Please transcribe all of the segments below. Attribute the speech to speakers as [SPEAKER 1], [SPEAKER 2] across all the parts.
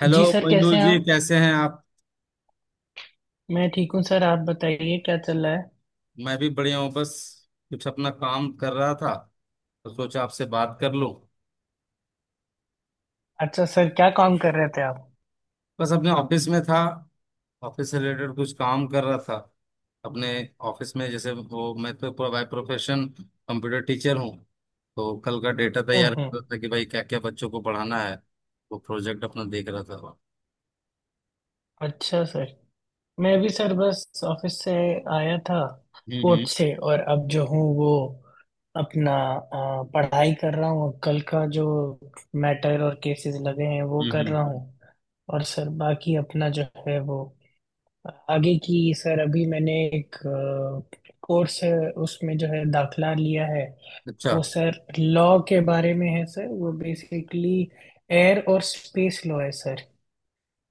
[SPEAKER 1] Hello
[SPEAKER 2] ji sir, कैसे
[SPEAKER 1] मोइनुल
[SPEAKER 2] हैं
[SPEAKER 1] जी,
[SPEAKER 2] आप?
[SPEAKER 1] कैसे हैं आप।
[SPEAKER 2] मैं ठीक हूँ सर। आप बताइए क्या चल रहा है?
[SPEAKER 1] मैं भी बढ़िया हूँ, बस कुछ अपना काम कर रहा था तो सोचा आपसे बात कर लूँ।
[SPEAKER 2] अच्छा सर, क्या काम कर रहे थे आप?
[SPEAKER 1] बस अपने ऑफिस में था, ऑफिस से रिलेटेड कुछ काम कर रहा था अपने ऑफिस में। जैसे वो मैं तो पूरा बाय प्रोफेशन कंप्यूटर टीचर हूँ, तो कल का डेटा तैयार
[SPEAKER 2] हम्म।
[SPEAKER 1] कर रहा था कि भाई क्या क्या बच्चों को पढ़ाना है। वो प्रोजेक्ट अपना देख रहा था।
[SPEAKER 2] अच्छा सर, मैं भी सर बस ऑफिस से आया था,
[SPEAKER 1] हम्म
[SPEAKER 2] कोर्ट से। और अब जो हूँ वो अपना पढ़ाई कर रहा हूँ, कल का जो मैटर और केसेस लगे हैं वो
[SPEAKER 1] हम्म।
[SPEAKER 2] कर रहा हूँ। और सर बाकी अपना जो है वो आगे की, सर अभी मैंने एक कोर्स है उसमें जो है दाखला लिया है।
[SPEAKER 1] अच्छा।
[SPEAKER 2] वो सर लॉ के बारे में है सर, वो बेसिकली एयर और स्पेस लॉ है सर।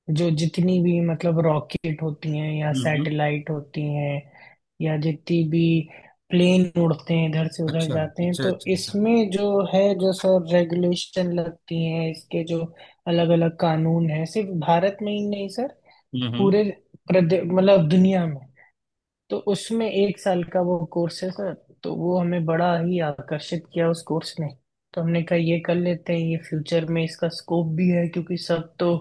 [SPEAKER 2] जो जितनी भी मतलब रॉकेट होती हैं या
[SPEAKER 1] हम्म हम्म,
[SPEAKER 2] सैटेलाइट होती हैं, या जितनी भी प्लेन उड़ते हैं इधर से उधर
[SPEAKER 1] अच्छा
[SPEAKER 2] जाते हैं,
[SPEAKER 1] अच्छा
[SPEAKER 2] तो
[SPEAKER 1] अच्छा अच्छा।
[SPEAKER 2] इसमें जो है जो सर रेगुलेशन लगती हैं, इसके जो अलग अलग कानून हैं, सिर्फ भारत में ही नहीं सर,
[SPEAKER 1] हम्म।
[SPEAKER 2] पूरे मतलब दुनिया में। तो उसमें एक साल का वो कोर्स है सर। तो वो हमें बड़ा ही आकर्षित किया उस कोर्स ने। तो हमने कहा ये कर लेते हैं, ये फ्यूचर में इसका स्कोप भी है, क्योंकि सब तो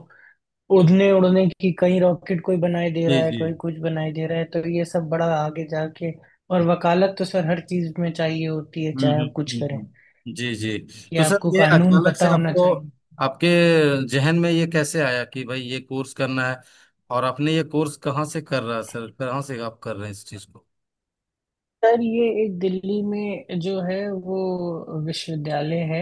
[SPEAKER 2] उड़ने उड़ने की, कहीं रॉकेट कोई बनाई दे
[SPEAKER 1] जी
[SPEAKER 2] रहा है,
[SPEAKER 1] जी।
[SPEAKER 2] कोई कुछ बनाई दे रहा है, तो ये सब बड़ा आगे जाके। और वकालत तो सर हर चीज में चाहिए होती है,
[SPEAKER 1] हम्म
[SPEAKER 2] चाहे
[SPEAKER 1] हम्म
[SPEAKER 2] आप कुछ करें,
[SPEAKER 1] जी जी।
[SPEAKER 2] कि
[SPEAKER 1] तो सर
[SPEAKER 2] आपको
[SPEAKER 1] ये
[SPEAKER 2] कानून
[SPEAKER 1] अचानक से
[SPEAKER 2] पता होना
[SPEAKER 1] आपको,
[SPEAKER 2] चाहिए।
[SPEAKER 1] आपके जहन में ये कैसे आया कि भाई ये कोर्स करना है? और आपने ये कोर्स कहाँ से, कर रहा है सर, कहाँ से आप कर रहे हैं इस चीज को?
[SPEAKER 2] सर ये एक दिल्ली में जो है वो विश्वविद्यालय है,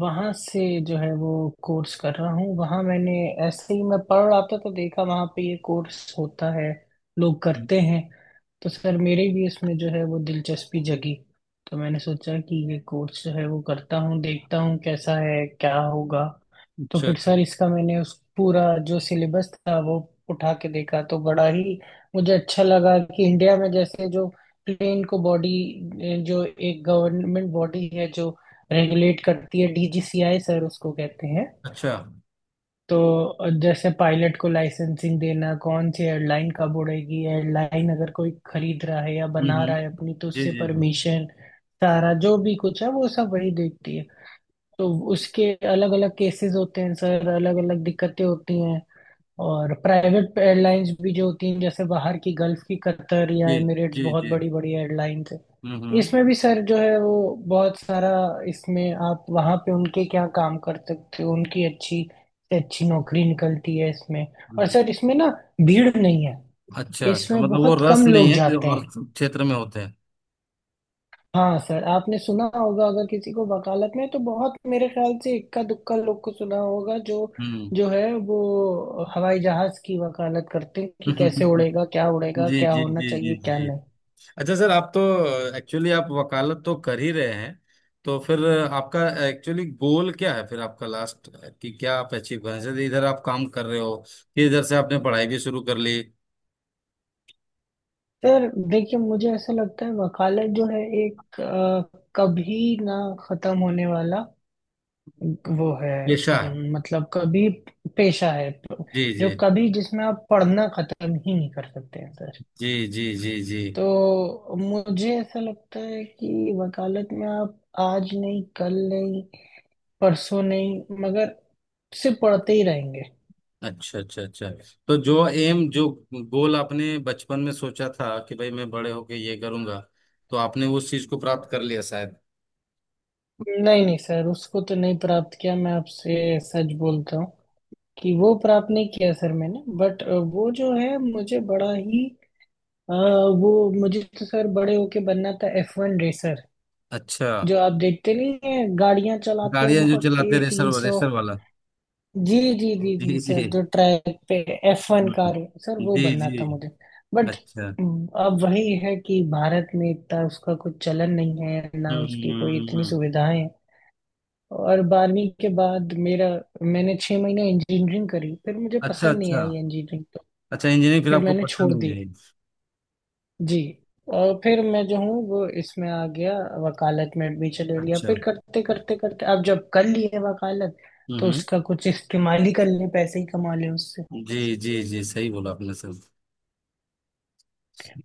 [SPEAKER 2] वहां से जो है वो कोर्स कर रहा हूँ। वहां मैंने ऐसे ही मैं पढ़ रहा था तो देखा वहां पे ये कोर्स होता है, लोग
[SPEAKER 1] हम्म,
[SPEAKER 2] करते हैं। तो सर मेरे भी इसमें जो है वो दिलचस्पी जगी। तो मैंने सोचा कि ये कोर्स जो है वो करता हूँ, देखता हूँ कैसा है क्या होगा। तो
[SPEAKER 1] अच्छा
[SPEAKER 2] फिर
[SPEAKER 1] अच्छा
[SPEAKER 2] सर इसका मैंने उस पूरा जो सिलेबस था वो उठा के देखा तो बड़ा ही मुझे अच्छा लगा कि इंडिया में जैसे जो प्लेन को बॉडी, जो एक गवर्नमेंट बॉडी है जो रेगुलेट करती है, डीजीसीआई सर उसको कहते हैं।
[SPEAKER 1] अच्छा।
[SPEAKER 2] तो जैसे पायलट को लाइसेंसिंग देना, कौन सी एयरलाइन कब उड़ेगी, एयरलाइन अगर कोई खरीद रहा है या बना
[SPEAKER 1] हम्म।
[SPEAKER 2] रहा है अपनी तो
[SPEAKER 1] जी
[SPEAKER 2] उससे
[SPEAKER 1] जी जी।
[SPEAKER 2] परमिशन, सारा जो भी कुछ है वो सब वही देखती है। तो उसके अलग अलग केसेस होते हैं सर, अलग अलग दिक्कतें होती हैं। और प्राइवेट एयरलाइंस भी जो होती हैं जैसे बाहर की, गल्फ की, कतर या
[SPEAKER 1] जी
[SPEAKER 2] एमिरेट्स
[SPEAKER 1] जी
[SPEAKER 2] बहुत
[SPEAKER 1] जी।
[SPEAKER 2] बड़ी बड़ी एयरलाइंस है।
[SPEAKER 1] हम्म।
[SPEAKER 2] इसमें भी सर जो है वो बहुत सारा इसमें, आप वहाँ पे उनके क्या काम कर सकते हो, उनकी अच्छी से अच्छी नौकरी निकलती है इसमें। और
[SPEAKER 1] हम्म।
[SPEAKER 2] सर इसमें ना, भीड़ नहीं है,
[SPEAKER 1] अच्छा अच्छा,
[SPEAKER 2] इसमें
[SPEAKER 1] मतलब वो
[SPEAKER 2] बहुत
[SPEAKER 1] रस
[SPEAKER 2] कम
[SPEAKER 1] नहीं
[SPEAKER 2] लोग
[SPEAKER 1] है जो
[SPEAKER 2] जाते
[SPEAKER 1] और
[SPEAKER 2] हैं।
[SPEAKER 1] क्षेत्र में होते हैं।
[SPEAKER 2] हाँ सर, आपने सुना होगा अगर किसी को वकालत में तो बहुत, मेरे ख्याल से इक्का दुक्का लोग को सुना होगा जो
[SPEAKER 1] हम्म।
[SPEAKER 2] जो है वो हवाई जहाज की वकालत करते हैं, कि कैसे उड़ेगा
[SPEAKER 1] जी।
[SPEAKER 2] क्या
[SPEAKER 1] जी
[SPEAKER 2] होना
[SPEAKER 1] जी जी
[SPEAKER 2] चाहिए क्या
[SPEAKER 1] जी।
[SPEAKER 2] नहीं।
[SPEAKER 1] अच्छा सर, आप तो एक्चुअली आप वकालत तो कर ही रहे हैं, तो फिर आपका एक्चुअली गोल क्या है फिर आपका लास्ट? कि क्या आप अचीव करना चाहते हैं? इधर आप काम कर रहे हो कि इधर से आपने पढ़ाई भी शुरू कर ली।
[SPEAKER 2] सर देखिए, मुझे ऐसा लगता है वकालत जो है एक कभी ना खत्म होने वाला वो है।
[SPEAKER 1] पेशा है।
[SPEAKER 2] मतलब कभी पेशा है,
[SPEAKER 1] जी जी
[SPEAKER 2] जो कभी जिसमें आप पढ़ना खत्म ही नहीं कर सकते हैं सर।
[SPEAKER 1] जी जी। जी जी।
[SPEAKER 2] तो मुझे ऐसा लगता है कि वकालत में आप आज नहीं, कल नहीं, परसों नहीं, मगर सिर्फ पढ़ते ही रहेंगे।
[SPEAKER 1] अच्छा अच्छा अच्छा। तो जो एम, जो गोल आपने बचपन में सोचा था कि भाई मैं बड़े होके ये करूंगा, तो आपने उस चीज को प्राप्त कर लिया शायद।
[SPEAKER 2] नहीं नहीं सर, उसको तो नहीं प्राप्त किया, मैं आपसे सच बोलता हूँ कि वो प्राप्त नहीं किया सर मैंने। बट वो जो है मुझे बड़ा ही अ, वो, मुझे तो सर बड़े होके बनना था F1 रेसर।
[SPEAKER 1] अच्छा।
[SPEAKER 2] जो आप देखते नहीं हैं, गाड़ियां चलाते हैं
[SPEAKER 1] गाड़ियां जो
[SPEAKER 2] बहुत
[SPEAKER 1] चलाते,
[SPEAKER 2] तेज, तीन
[SPEAKER 1] रेसर,
[SPEAKER 2] सौ
[SPEAKER 1] रेसर वाला।
[SPEAKER 2] जी जी जी जी
[SPEAKER 1] जी जी।
[SPEAKER 2] सर, जो ट्रैक पे F1 कार है सर,
[SPEAKER 1] हम्म।
[SPEAKER 2] वो
[SPEAKER 1] जी
[SPEAKER 2] बनना
[SPEAKER 1] जी।
[SPEAKER 2] था मुझे। बट
[SPEAKER 1] अच्छा हम्म।
[SPEAKER 2] अब वही है कि भारत में इतना उसका कुछ चलन नहीं है ना,
[SPEAKER 1] हम्म,
[SPEAKER 2] उसकी कोई
[SPEAKER 1] हम्म,
[SPEAKER 2] इतनी
[SPEAKER 1] हम्म।
[SPEAKER 2] सुविधाएं हैं। और 12वीं के बाद मेरा, मैंने 6 महीने इंजीनियरिंग करी फिर मुझे
[SPEAKER 1] अच्छा
[SPEAKER 2] पसंद नहीं
[SPEAKER 1] अच्छा।
[SPEAKER 2] आई इंजीनियरिंग, तो
[SPEAKER 1] अच्छा इंजीनियरिंग फिर
[SPEAKER 2] फिर
[SPEAKER 1] आपको
[SPEAKER 2] मैंने छोड़
[SPEAKER 1] पसंद
[SPEAKER 2] दी,
[SPEAKER 1] नहीं आई।
[SPEAKER 2] जी। और फिर मैं जो हूँ वो इसमें आ गया, वकालत में एडमिशन ले लिया,
[SPEAKER 1] अच्छा।
[SPEAKER 2] फिर करते करते करते अब जब कर लिए वकालत,
[SPEAKER 1] हम्म
[SPEAKER 2] तो
[SPEAKER 1] हम्म।
[SPEAKER 2] उसका कुछ इस्तेमाल ही कर ले, पैसे ही कमा ले उससे।
[SPEAKER 1] जी जी जी, सही बोला आपने सर।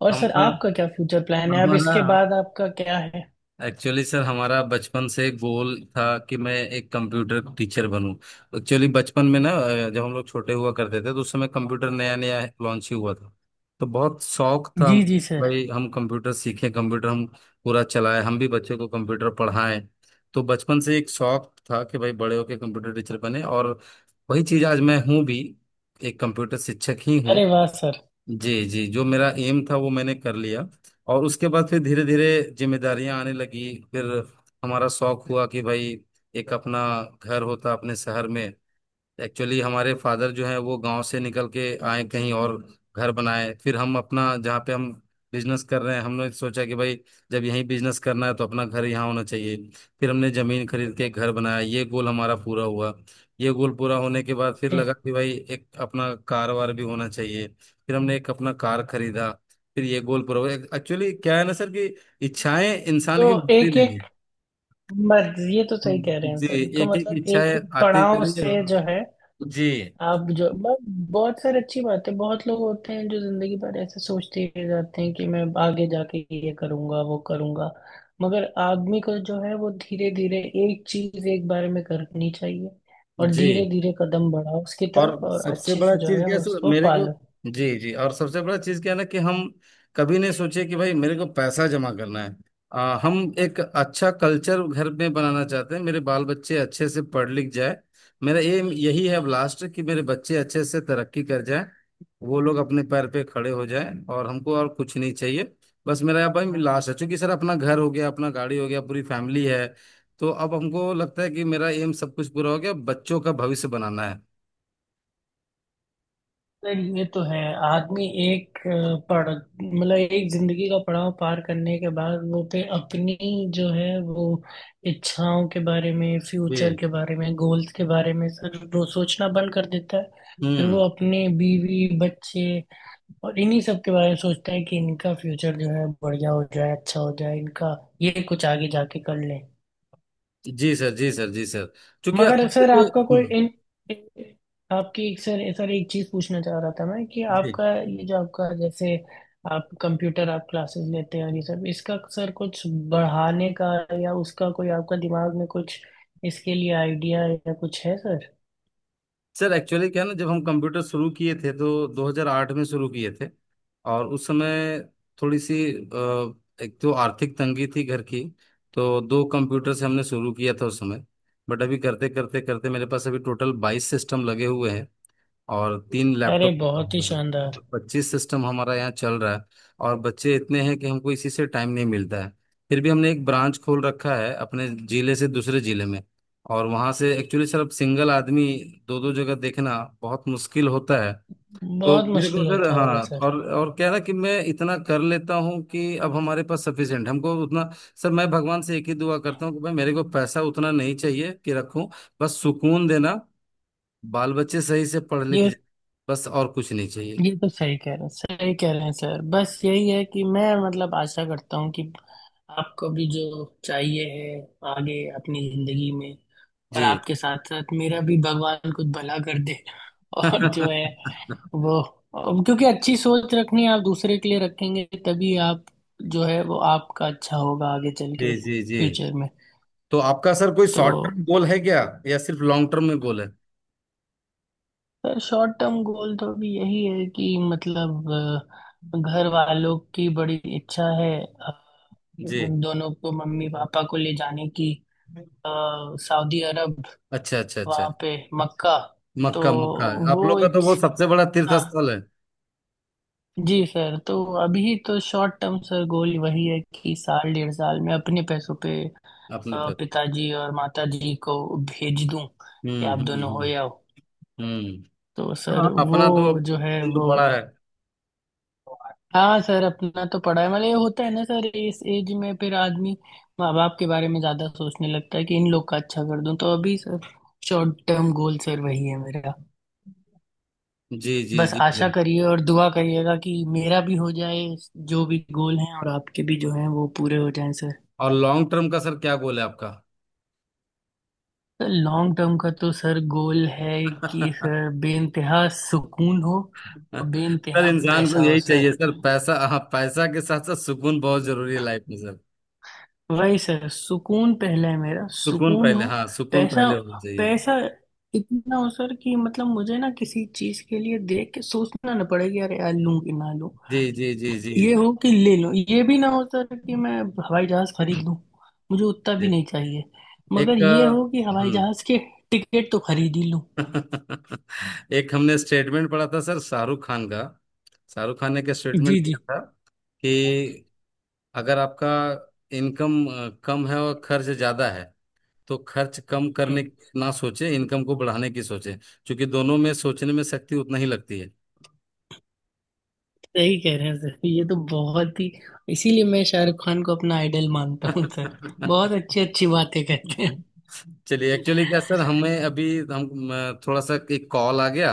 [SPEAKER 2] और सर
[SPEAKER 1] हमारा,
[SPEAKER 2] आपका क्या फ्यूचर प्लान है, अब
[SPEAKER 1] हमारा
[SPEAKER 2] इसके बाद आपका क्या है?
[SPEAKER 1] एक्चुअली सर हमारा बचपन से गोल था कि मैं एक कंप्यूटर टीचर बनूं। एक्चुअली बचपन में ना जब हम लोग छोटे हुआ करते थे तो उस समय कंप्यूटर नया नया लॉन्च ही हुआ था। तो बहुत शौक था हम,
[SPEAKER 2] जी जी सर।
[SPEAKER 1] भाई हम कंप्यूटर सीखें, कंप्यूटर हम पूरा चलाएं, हम भी बच्चों को कंप्यूटर पढ़ाएं। तो बचपन से एक शौक था कि भाई बड़े होके कंप्यूटर टीचर बने, और वही चीज आज मैं हूँ भी, एक कंप्यूटर शिक्षक ही हूँ।
[SPEAKER 2] अरे वाह सर।
[SPEAKER 1] जी जी, जो मेरा एम था वो मैंने कर लिया। और उसके बाद फिर धीरे धीरे जिम्मेदारियां आने लगी। फिर हमारा शौक हुआ कि भाई एक अपना घर होता अपने शहर में। एक्चुअली हमारे फादर जो हैं वो गांव से निकल के आए कहीं और, घर बनाए। फिर हम अपना, जहाँ पे हम बिजनेस कर रहे हैं, हमने सोचा कि भाई जब यहीं बिजनेस करना है तो अपना घर यहाँ होना चाहिए। फिर हमने जमीन खरीद के घर बनाया, ये गोल हमारा पूरा हुआ। ये गोल पूरा होने के बाद फिर
[SPEAKER 2] ए,
[SPEAKER 1] लगा कि भाई एक अपना कार वार भी होना चाहिए, फिर हमने एक अपना कार खरीदा। फिर ये गोल पूरा हुआ। एक्चुअली क्या है ना सर कि इच्छाएं
[SPEAKER 2] तो
[SPEAKER 1] इंसान की मुक्ति
[SPEAKER 2] एक
[SPEAKER 1] नहीं है।
[SPEAKER 2] एक मर्ज, ये तो सही कह रहे हैं
[SPEAKER 1] जी।
[SPEAKER 2] सर, तो
[SPEAKER 1] एक एक
[SPEAKER 2] मतलब एक
[SPEAKER 1] इच्छाएं
[SPEAKER 2] एक
[SPEAKER 1] आती जा
[SPEAKER 2] पड़ाव
[SPEAKER 1] रही
[SPEAKER 2] से जो
[SPEAKER 1] है।
[SPEAKER 2] है।
[SPEAKER 1] जी
[SPEAKER 2] आप जो बहुत सारी अच्छी बात है, बहुत लोग होते हैं जो जिंदगी भर ऐसे सोचते ही रहते हैं कि मैं आगे जाके ये करूंगा वो करूंगा। मगर आदमी को जो है वो धीरे धीरे एक चीज एक बार में करनी चाहिए, और
[SPEAKER 1] जी।
[SPEAKER 2] धीरे धीरे कदम बढ़ाओ उसकी
[SPEAKER 1] और
[SPEAKER 2] तरफ और
[SPEAKER 1] सबसे
[SPEAKER 2] अच्छे
[SPEAKER 1] बड़ा
[SPEAKER 2] से जो
[SPEAKER 1] चीज
[SPEAKER 2] है
[SPEAKER 1] क्या है, सर
[SPEAKER 2] उसको
[SPEAKER 1] मेरे को,
[SPEAKER 2] पालो।
[SPEAKER 1] जी जी, और सबसे बड़ा चीज क्या है ना कि हम कभी नहीं सोचे कि भाई मेरे को पैसा जमा करना है। हम एक अच्छा कल्चर घर में बनाना चाहते हैं, मेरे बाल बच्चे अच्छे से पढ़ लिख जाए। मेरा एम यही है अब लास्ट, कि मेरे बच्चे अच्छे से तरक्की कर जाए, वो लोग अपने पैर पे खड़े हो जाए, और हमको और कुछ नहीं चाहिए। बस मेरा अब भाई लास्ट है, चूंकि सर अपना घर हो गया, अपना गाड़ी हो गया, पूरी फैमिली है, तो अब हमको लगता है कि मेरा एम सब कुछ पूरा हो गया, बच्चों का भविष्य बनाना है।
[SPEAKER 2] सर ये तो है, आदमी एक अ, पढ़ मतलब एक जिंदगी का पड़ाव पार करने के बाद वो पे अपनी जो है वो इच्छाओं के बारे में,
[SPEAKER 1] जी।
[SPEAKER 2] फ्यूचर के बारे में, गोल्स के बारे में सर, वो सोचना बंद कर देता है। फिर वो
[SPEAKER 1] हम्म।
[SPEAKER 2] अपने बीवी बच्चे और इन्हीं सब के बारे में सोचता है, कि इनका फ्यूचर जो है बढ़िया हो जाए, अच्छा हो जाए इनका, ये कुछ आगे जाके कर लें।
[SPEAKER 1] जी सर, जी सर, जी सर। क्योंकि
[SPEAKER 2] मगर सर
[SPEAKER 1] आपके
[SPEAKER 2] आपका कोई इन, इन- आपकी सर, एक चीज पूछना चाह रहा था मैं, कि
[SPEAKER 1] जी
[SPEAKER 2] आपका ये जो आपका, जैसे आप कंप्यूटर, आप क्लासेस लेते हैं और ये सब इसका सर कुछ बढ़ाने का, या उसका कोई आपका दिमाग में कुछ इसके लिए आइडिया या कुछ है सर?
[SPEAKER 1] सर। एक्चुअली क्या है ना, जब हम कंप्यूटर शुरू किए थे तो 2008 में शुरू किए थे। और उस समय थोड़ी सी एक तो आर्थिक तंगी थी घर की, तो दो कंप्यूटर से हमने शुरू किया था उस समय। बट अभी करते करते करते मेरे पास अभी टोटल बाईस सिस्टम लगे हुए हैं, और तीन
[SPEAKER 2] अरे
[SPEAKER 1] लैपटॉप लगा
[SPEAKER 2] बहुत ही
[SPEAKER 1] हुआ है,
[SPEAKER 2] शानदार।
[SPEAKER 1] पच्चीस सिस्टम हमारा यहाँ चल रहा है। और बच्चे इतने हैं कि हमको इसी से टाइम नहीं मिलता है। फिर भी हमने एक ब्रांच खोल रखा है अपने जिले से दूसरे जिले में, और वहाँ से एक्चुअली सर अब सिंगल आदमी दो दो जगह देखना बहुत मुश्किल होता है। तो
[SPEAKER 2] बहुत
[SPEAKER 1] मेरे को
[SPEAKER 2] मुश्किल
[SPEAKER 1] सर,
[SPEAKER 2] होता
[SPEAKER 1] हाँ,
[SPEAKER 2] होगा सर।
[SPEAKER 1] और क्या है ना कि मैं इतना कर लेता हूँ कि अब हमारे पास सफिशिएंट, हमको उतना, सर मैं भगवान से एक ही दुआ करता हूँ कि भाई मेरे को पैसा उतना नहीं चाहिए कि रखूं, बस सुकून देना, बाल बच्चे सही से पढ़ लिख
[SPEAKER 2] ये
[SPEAKER 1] जाए, बस और कुछ नहीं चाहिए।
[SPEAKER 2] ये तो सही कह रहे हैं, सही कह रहे हैं सर, बस यही है कि मैं मतलब आशा करता हूँ कि आपको भी जो चाहिए है आगे अपनी जिंदगी में। और
[SPEAKER 1] जी।
[SPEAKER 2] आपके साथ साथ मेरा भी भगवान कुछ भला कर दे और जो है
[SPEAKER 1] जी
[SPEAKER 2] वो, क्योंकि अच्छी सोच रखनी, आप दूसरे के लिए रखेंगे तभी आप जो है वो आपका अच्छा होगा आगे चल के
[SPEAKER 1] जी जी।
[SPEAKER 2] फ्यूचर में।
[SPEAKER 1] तो आपका सर कोई
[SPEAKER 2] तो
[SPEAKER 1] शॉर्ट टर्म गोल है क्या, या सिर्फ लॉन्ग टर्म में गोल है?
[SPEAKER 2] सर शॉर्ट टर्म गोल तो अभी यही है कि मतलब, घर वालों की बड़ी इच्छा है,
[SPEAKER 1] जी।
[SPEAKER 2] उन दोनों को, मम्मी पापा को ले जाने की, अ, सऊदी अरब,
[SPEAKER 1] अच्छा अच्छा अच्छा।
[SPEAKER 2] वहाँ पे मक्का, तो
[SPEAKER 1] मक्का, मक्का। आप
[SPEAKER 2] वो
[SPEAKER 1] लोग का तो वो
[SPEAKER 2] इच्छा।
[SPEAKER 1] सबसे बड़ा तीर्थ स्थल है।
[SPEAKER 2] जी सर, तो अभी तो शॉर्ट टर्म सर गोल वही है कि साल 1.5 साल में अपने पैसों पे
[SPEAKER 1] अपने पे।
[SPEAKER 2] पिताजी और माताजी को भेज दूं कि आप दोनों हो
[SPEAKER 1] हम्म।
[SPEAKER 2] जाओ।
[SPEAKER 1] हम्म।
[SPEAKER 2] तो
[SPEAKER 1] हाँ
[SPEAKER 2] सर
[SPEAKER 1] हाँ,
[SPEAKER 2] वो
[SPEAKER 1] अपना तो
[SPEAKER 2] जो है
[SPEAKER 1] उम्र
[SPEAKER 2] वो,
[SPEAKER 1] बड़ा है।
[SPEAKER 2] हाँ सर, अपना तो पढ़ा है, मतलब ये होता है ना सर इस एज में फिर आदमी माँ बाप के बारे में ज्यादा सोचने लगता है, कि इन लोग का अच्छा कर दूं, तो अभी sir short term goal sir वही है मेरा।
[SPEAKER 1] जी जी
[SPEAKER 2] बस
[SPEAKER 1] जी
[SPEAKER 2] आशा
[SPEAKER 1] सर।
[SPEAKER 2] करिए और दुआ करिएगा कि मेरा भी हो जाए जो भी गोल हैं, और आपके भी जो हैं वो पूरे हो जाएं सर।
[SPEAKER 1] और लॉन्ग टर्म का सर क्या गोल है
[SPEAKER 2] सर लॉन्ग टर्म का तो सर गोल है कि
[SPEAKER 1] आपका?
[SPEAKER 2] सर बेइंतहा सुकून हो और
[SPEAKER 1] सर
[SPEAKER 2] बेइंतहा
[SPEAKER 1] इंसान को
[SPEAKER 2] पैसा हो
[SPEAKER 1] यही
[SPEAKER 2] सर।
[SPEAKER 1] चाहिए सर पैसा, हाँ पैसा के साथ साथ सुकून बहुत जरूरी है लाइफ में सर।
[SPEAKER 2] वही सर, सुकून पहला है, मेरा
[SPEAKER 1] सुकून
[SPEAKER 2] सुकून
[SPEAKER 1] पहले,
[SPEAKER 2] हो।
[SPEAKER 1] हाँ सुकून
[SPEAKER 2] पैसा।
[SPEAKER 1] पहले होना चाहिए।
[SPEAKER 2] पैसा इतना हो सर कि मतलब मुझे ना किसी चीज के लिए देख के सोचना ना पड़े कि अरे यार लूं कि ना लूं।
[SPEAKER 1] जी जी जी जी
[SPEAKER 2] ये हो कि ले लूं, ये भी ना हो सर कि मैं हवाई जहाज खरीद लूं, मुझे उतना भी
[SPEAKER 1] जी।
[SPEAKER 2] नहीं चाहिए। मगर
[SPEAKER 1] एक
[SPEAKER 2] ये हो कि हवाई
[SPEAKER 1] हम्म।
[SPEAKER 2] जहाज के टिकट तो खरीद ही लूं।
[SPEAKER 1] एक हमने स्टेटमेंट पढ़ा था सर शाहरुख खान का, शाहरुख खान ने क्या स्टेटमेंट
[SPEAKER 2] जी
[SPEAKER 1] दिया
[SPEAKER 2] जी।
[SPEAKER 1] था कि अगर आपका इनकम कम है और खर्च ज्यादा है, तो खर्च कम
[SPEAKER 2] हम्म।
[SPEAKER 1] करने की ना सोचे, इनकम को बढ़ाने की सोचे, क्योंकि दोनों में सोचने में शक्ति उतना ही लगती है।
[SPEAKER 2] सही कह रहे हैं सर, ये तो बहुत ही, इसीलिए मैं शाहरुख खान को अपना आइडल मानता हूँ सर, बहुत अच्छी अच्छी बातें कहते हैं।
[SPEAKER 1] चलिए एक्चुअली क्या सर, हमें अभी, हम थोड़ा सा एक कॉल आ गया,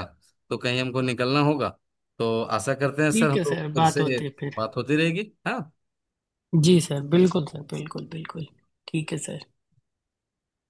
[SPEAKER 1] तो कहीं हमको निकलना होगा। तो आशा करते हैं सर
[SPEAKER 2] ठीक
[SPEAKER 1] हम
[SPEAKER 2] है
[SPEAKER 1] लोग
[SPEAKER 2] सर,
[SPEAKER 1] फिर
[SPEAKER 2] बात
[SPEAKER 1] से,
[SPEAKER 2] होती है फिर।
[SPEAKER 1] बात होती रहेगी, हाँ।
[SPEAKER 2] जी सर बिल्कुल सर, बिल्कुल बिल्कुल। ठीक है सर।